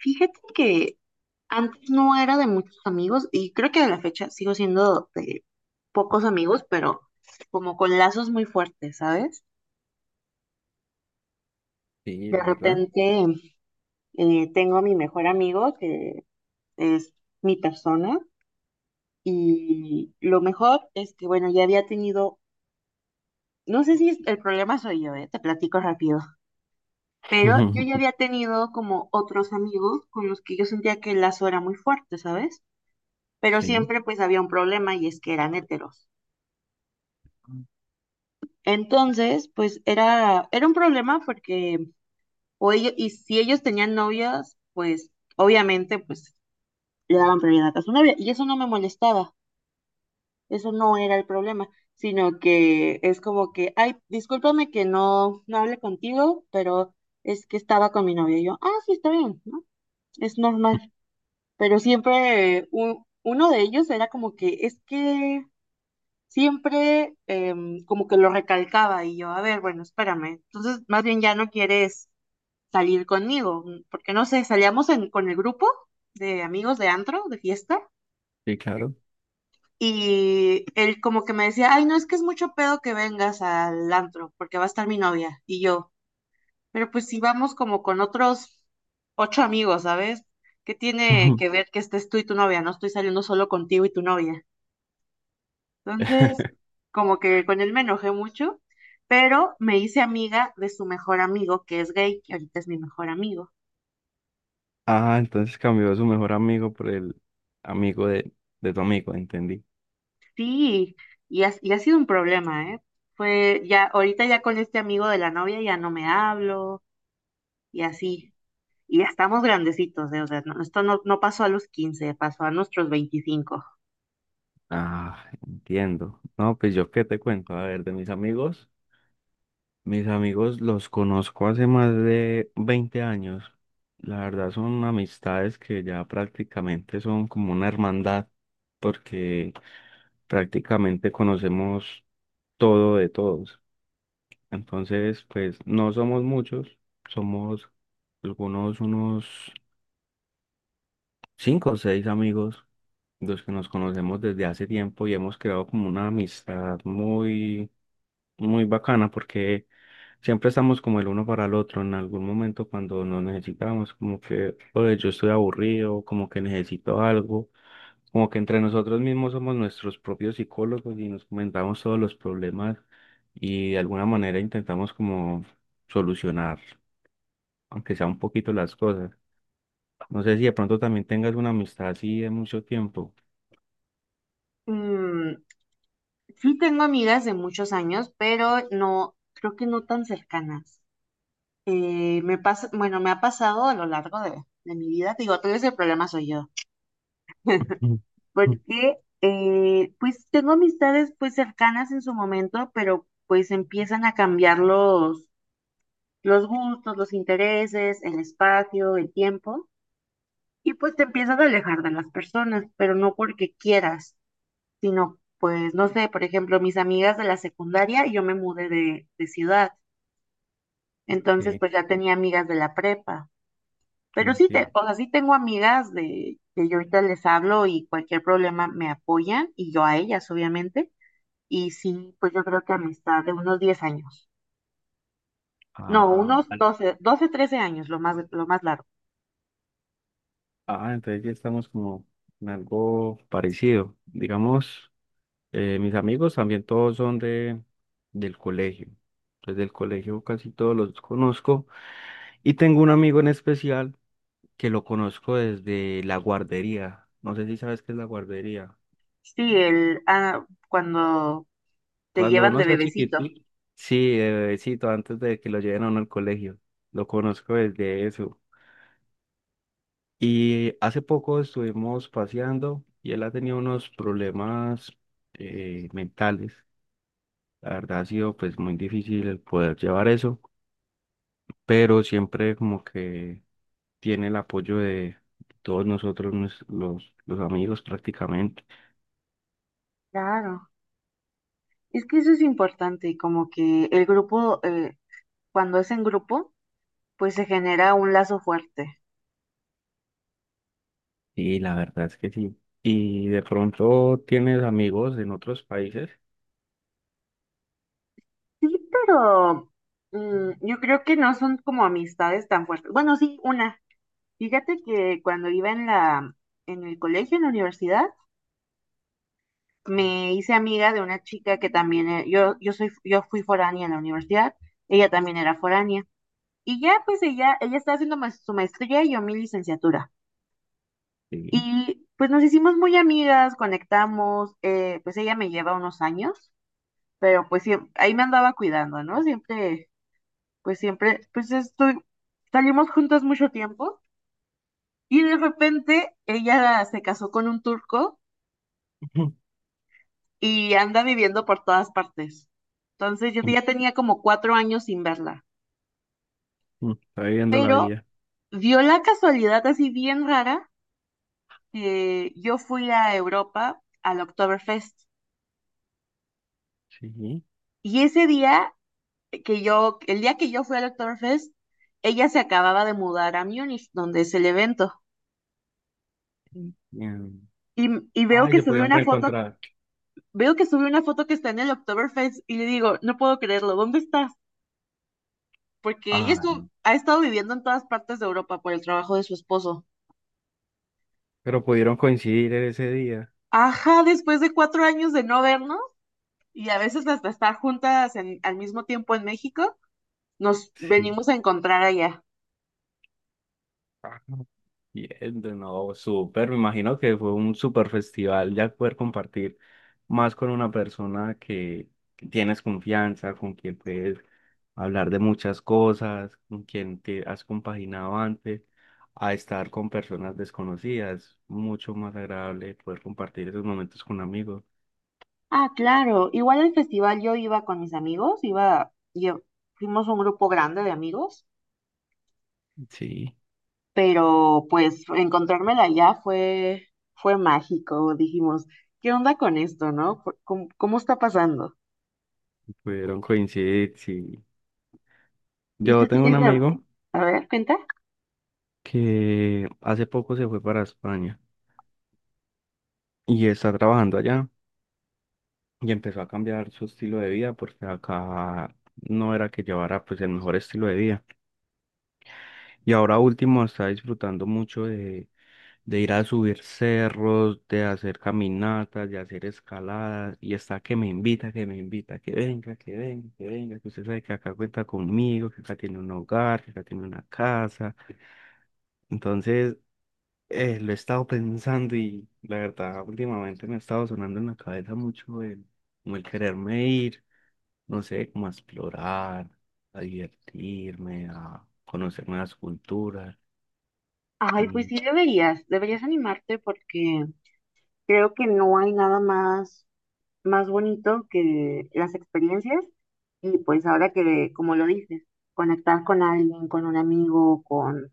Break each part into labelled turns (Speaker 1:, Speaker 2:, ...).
Speaker 1: Fíjate que antes no era de muchos amigos y creo que a la fecha sigo siendo de pocos amigos, pero como con lazos muy fuertes, ¿sabes?
Speaker 2: Sí,
Speaker 1: De
Speaker 2: la verdad.
Speaker 1: repente tengo a mi mejor amigo que es mi persona. Y lo mejor es que, bueno, ya había tenido, no sé si el problema soy yo, ¿eh? Te platico rápido, pero yo ya había tenido como otros amigos con los que yo sentía que el lazo era muy fuerte, ¿sabes? Pero
Speaker 2: Sí,
Speaker 1: siempre pues había un problema, y es que eran heteros. Entonces, pues era un problema porque o ellos, y si ellos tenían novias, pues obviamente pues le daban prioridad a su novia. Y eso no me molestaba, eso no era el problema, sino que es como que, ay, discúlpame que no hable contigo, pero es que estaba con mi novia. Y yo, ah, sí, está bien, ¿no? Es normal. Pero siempre uno de ellos era como que, es que siempre como que lo recalcaba, y yo, a ver, bueno, espérame. Entonces, más bien ya no quieres salir conmigo, mm, porque no sé, salíamos con el grupo de amigos de antro, de fiesta,
Speaker 2: sí, claro.
Speaker 1: y él como que me decía, ay, no, es que es mucho pedo que vengas al antro, porque va a estar mi novia. Y yo, pero pues si vamos como con otros ocho amigos, ¿sabes? ¿Qué tiene que ver que estés tú y tu novia? No estoy saliendo solo contigo y tu novia. Entonces, como que con él me enojé mucho, pero me hice amiga de su mejor amigo, que es gay, que ahorita es mi mejor amigo.
Speaker 2: Ah, entonces cambió a su mejor amigo por el amigo de, tu amigo, entendí.
Speaker 1: Sí, y ha sido un problema, ¿eh? Fue ya, ahorita ya con este amigo de la novia ya no me hablo y así. Y ya estamos grandecitos, ¿eh? O sea, esto no pasó a los 15, pasó a nuestros 25.
Speaker 2: Ah, entiendo. No, pues yo qué te cuento, a ver, de mis amigos. Mis amigos los conozco hace más de 20 años. La verdad son amistades que ya prácticamente son como una hermandad, porque prácticamente conocemos todo de todos. Entonces, pues no somos muchos, somos algunos unos cinco o seis amigos, los que nos conocemos desde hace tiempo y hemos creado como una amistad muy, muy bacana porque siempre estamos como el uno para el otro. En algún momento cuando nos necesitamos, como que, oye, yo estoy aburrido, como que necesito algo, como que entre nosotros mismos somos nuestros propios psicólogos y nos comentamos todos los problemas y de alguna manera intentamos como solucionar aunque sea un poquito las cosas. No sé si de pronto también tengas una amistad así de mucho tiempo.
Speaker 1: Mm, sí tengo amigas de muchos años, pero no, creo que no tan cercanas. Me pasa, bueno, me ha pasado a lo largo de, mi vida, te digo, todo ese problema soy yo,
Speaker 2: Ujú, ujú.
Speaker 1: porque pues tengo amistades pues cercanas en su momento, pero pues empiezan a cambiar los gustos, los intereses, el espacio, el tiempo, y pues te empiezas a alejar de las personas, pero no porque quieras, sino pues, no sé, por ejemplo, mis amigas de la secundaria, yo me mudé de ciudad, entonces
Speaker 2: Sí,
Speaker 1: pues ya tenía amigas de la prepa. Pero sí, te,
Speaker 2: entiendo.
Speaker 1: o sea, sí tengo amigas de que yo ahorita les hablo y cualquier problema me apoyan, y yo a ellas, obviamente. Y sí, pues yo creo que amistad de unos 10 años. No,
Speaker 2: Ah,
Speaker 1: unos
Speaker 2: vale.
Speaker 1: doce, 13 años, lo más largo.
Speaker 2: Ah, entonces ya estamos como en algo parecido. Digamos, mis amigos también todos son de del colegio. Entonces del colegio casi todos los conozco. Y tengo un amigo en especial que lo conozco desde la guardería. No sé si sabes qué es la guardería.
Speaker 1: Sí, el, ah, cuando te
Speaker 2: Cuando
Speaker 1: llevan
Speaker 2: uno
Speaker 1: de
Speaker 2: está
Speaker 1: bebecito.
Speaker 2: chiquitito, sí, de bebecito, antes de que lo lleven a uno al colegio. Lo conozco desde eso. Y hace poco estuvimos paseando y él ha tenido unos problemas mentales. La verdad ha sido pues muy difícil el poder llevar eso, pero siempre como que tiene el apoyo de todos nosotros, los, amigos prácticamente.
Speaker 1: Claro, es que eso es importante, como que el grupo, cuando es en grupo, pues se genera un lazo fuerte.
Speaker 2: Y la verdad es que sí. Y de pronto tienes amigos en otros países.
Speaker 1: Sí, pero mm, yo creo que no son como amistades tan fuertes. Bueno, sí, una. Fíjate que cuando iba en la, en el colegio, en la universidad, me hice amiga de una chica que también, yo fui foránea en la universidad, ella también era foránea. Y ya, pues ella está haciendo su maestría y yo mi licenciatura.
Speaker 2: Sí.
Speaker 1: Y pues nos hicimos muy amigas, conectamos, pues ella me lleva unos años, pero pues ahí me andaba cuidando, ¿no? Siempre, pues estoy, salimos juntas mucho tiempo. Y de repente ella se casó con un turco y anda viviendo por todas partes. Entonces yo ya tenía como 4 años sin verla,
Speaker 2: Está viviendo la
Speaker 1: pero
Speaker 2: vida.
Speaker 1: dio la casualidad así bien rara que yo fui a Europa al Oktoberfest,
Speaker 2: Sí.
Speaker 1: y ese día que yo, el día que yo fui al Oktoberfest, ella se acababa de mudar a Múnich, donde es el evento.
Speaker 2: Bien.
Speaker 1: Y veo
Speaker 2: Ay,
Speaker 1: que
Speaker 2: se
Speaker 1: subió
Speaker 2: pudieron
Speaker 1: una foto,
Speaker 2: reencontrar.
Speaker 1: veo que subió una foto que está en el Oktoberfest, y le digo, no puedo creerlo, ¿dónde estás? Porque ella
Speaker 2: Ah,
Speaker 1: estuvo, ha estado viviendo en todas partes de Europa por el trabajo de su esposo.
Speaker 2: pero pudieron coincidir en ese día.
Speaker 1: Ajá, después de 4 años de no vernos, y a veces hasta estar juntas al mismo tiempo en México, nos
Speaker 2: Sí.
Speaker 1: venimos a encontrar allá.
Speaker 2: Ah, bien, de nuevo, súper. Me imagino que fue un súper festival ya poder compartir más con una persona que tienes confianza, con quien puedes hablar de muchas cosas, con quien te has compaginado antes, a estar con personas desconocidas. Mucho más agradable poder compartir esos momentos con amigos.
Speaker 1: Ah, claro. Igual el festival yo iba con mis amigos, iba, yo, fuimos un grupo grande de amigos,
Speaker 2: Sí.
Speaker 1: pero pues encontrármela allá fue, fue mágico. Dijimos, ¿qué onda con esto, no? ¿Cómo está pasando?
Speaker 2: Pudieron coincidir, sí.
Speaker 1: Y
Speaker 2: Yo
Speaker 1: tú
Speaker 2: tengo un
Speaker 1: tienes,
Speaker 2: amigo
Speaker 1: a ver, cuenta.
Speaker 2: que hace poco se fue para España y está trabajando allá y empezó a cambiar su estilo de vida porque acá no era que llevara pues el mejor estilo de vida. Y ahora último está disfrutando mucho de, ir a subir cerros, de hacer caminatas, de hacer escaladas y está que me invita, que me invita, que venga, que venga, que venga, que usted sabe que acá cuenta conmigo, que acá tiene un hogar, que acá tiene una casa. Entonces... lo he estado pensando y la verdad últimamente me ha estado sonando en la cabeza mucho como el quererme ir, no sé, como a explorar, a divertirme, a conocer nuevas culturas.
Speaker 1: Ay, pues
Speaker 2: Mm,
Speaker 1: sí deberías, deberías animarte porque creo que no hay nada más, más bonito que las experiencias, y pues ahora que, como lo dices, conectar con alguien, con un amigo,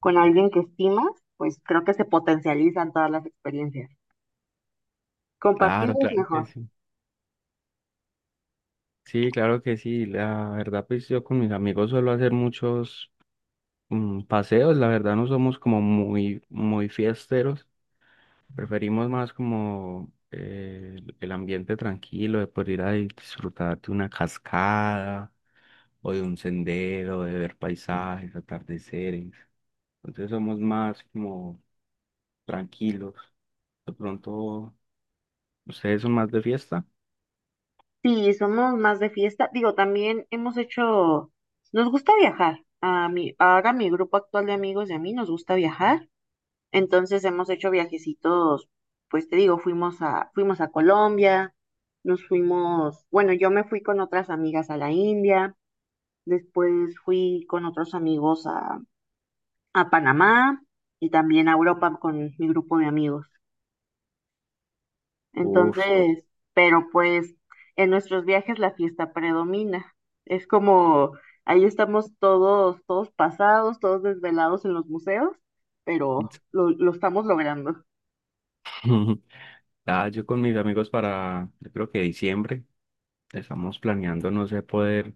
Speaker 1: con alguien que estimas, pues creo que se potencializan todas las experiencias. Compartir
Speaker 2: claro,
Speaker 1: es
Speaker 2: claro que
Speaker 1: mejor.
Speaker 2: sí. Sí, claro que sí. La verdad, pues yo con mis amigos suelo hacer muchos paseos. La verdad no somos como muy, muy fiesteros. Preferimos más como el ambiente tranquilo de poder ir a disfrutar de una cascada o de un sendero, de ver paisajes, atardeceres. Entonces somos más como tranquilos. De pronto, ¿ustedes son más de fiesta?
Speaker 1: Sí, somos más de fiesta. Digo, también hemos hecho, nos gusta viajar. A mí, ahora mi grupo actual de amigos y a mí nos gusta viajar. Entonces hemos hecho viajecitos, pues te digo, fuimos a Colombia, nos fuimos, bueno, yo me fui con otras amigas a la India, después fui con otros amigos a Panamá y también a Europa con mi grupo de amigos.
Speaker 2: Uf, su-
Speaker 1: Entonces, pero pues en nuestros viajes la fiesta predomina. Es como, ahí estamos todos, todos pasados, todos desvelados en los museos, pero lo, estamos logrando.
Speaker 2: Ah, yo con mis amigos para, yo creo que diciembre, estamos planeando, no sé, poder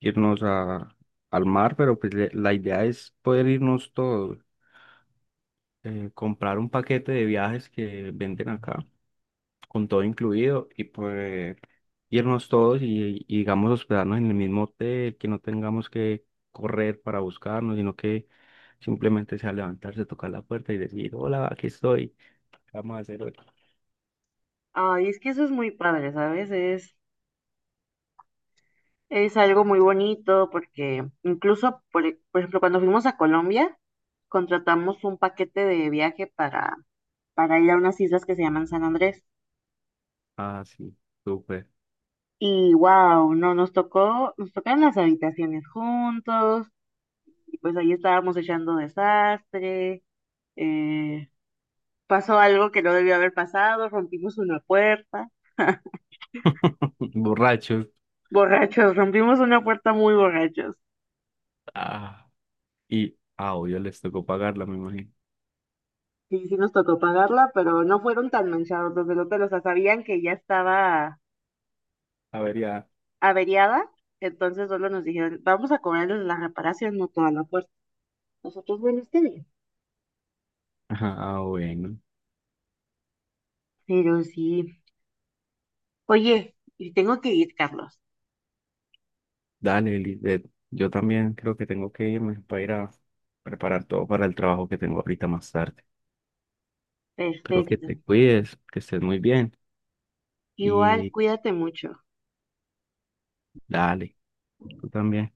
Speaker 2: irnos a, al mar, pero pues la idea es poder irnos todos, comprar un paquete de viajes que venden acá con todo incluido y pues irnos todos digamos hospedarnos en el mismo hotel, que no tengamos que correr para buscarnos, sino que simplemente sea levantarse, tocar la puerta y decir, hola, aquí estoy, ¿qué vamos a hacer hoy?
Speaker 1: Ay, es que eso es muy padre, ¿sabes? Es algo muy bonito porque incluso, por ejemplo, cuando fuimos a Colombia, contratamos un paquete de viaje para ir a unas islas que se llaman San Andrés.
Speaker 2: Ah, sí, súper.
Speaker 1: Y wow, no, nos tocó, nos tocaron las habitaciones juntos, y pues ahí estábamos echando desastre, eh, pasó algo que no debió haber pasado, rompimos una puerta,
Speaker 2: Borrachos.
Speaker 1: borrachos, rompimos una puerta muy borrachos.
Speaker 2: Ah, y, ah, obvio, les tocó pagarla, me imagino.
Speaker 1: Sí, sí nos tocó pagarla, pero no fueron tan manchados los del hotel, o sea, sabían que ya estaba
Speaker 2: A ver, ya.
Speaker 1: averiada, entonces solo nos dijeron, vamos a cobrarles la reparación, no toda la puerta. Nosotros, bueno, está bien.
Speaker 2: Ajá, ah, bueno.
Speaker 1: Pero sí. Oye, y tengo que ir, Carlos.
Speaker 2: Dale, Lisbeth. Yo también creo que tengo que irme para ir a preparar todo para el trabajo que tengo ahorita más tarde. Espero que
Speaker 1: Perfecto.
Speaker 2: te cuides, que estés muy bien
Speaker 1: Igual,
Speaker 2: y
Speaker 1: cuídate mucho.
Speaker 2: dale, tú también.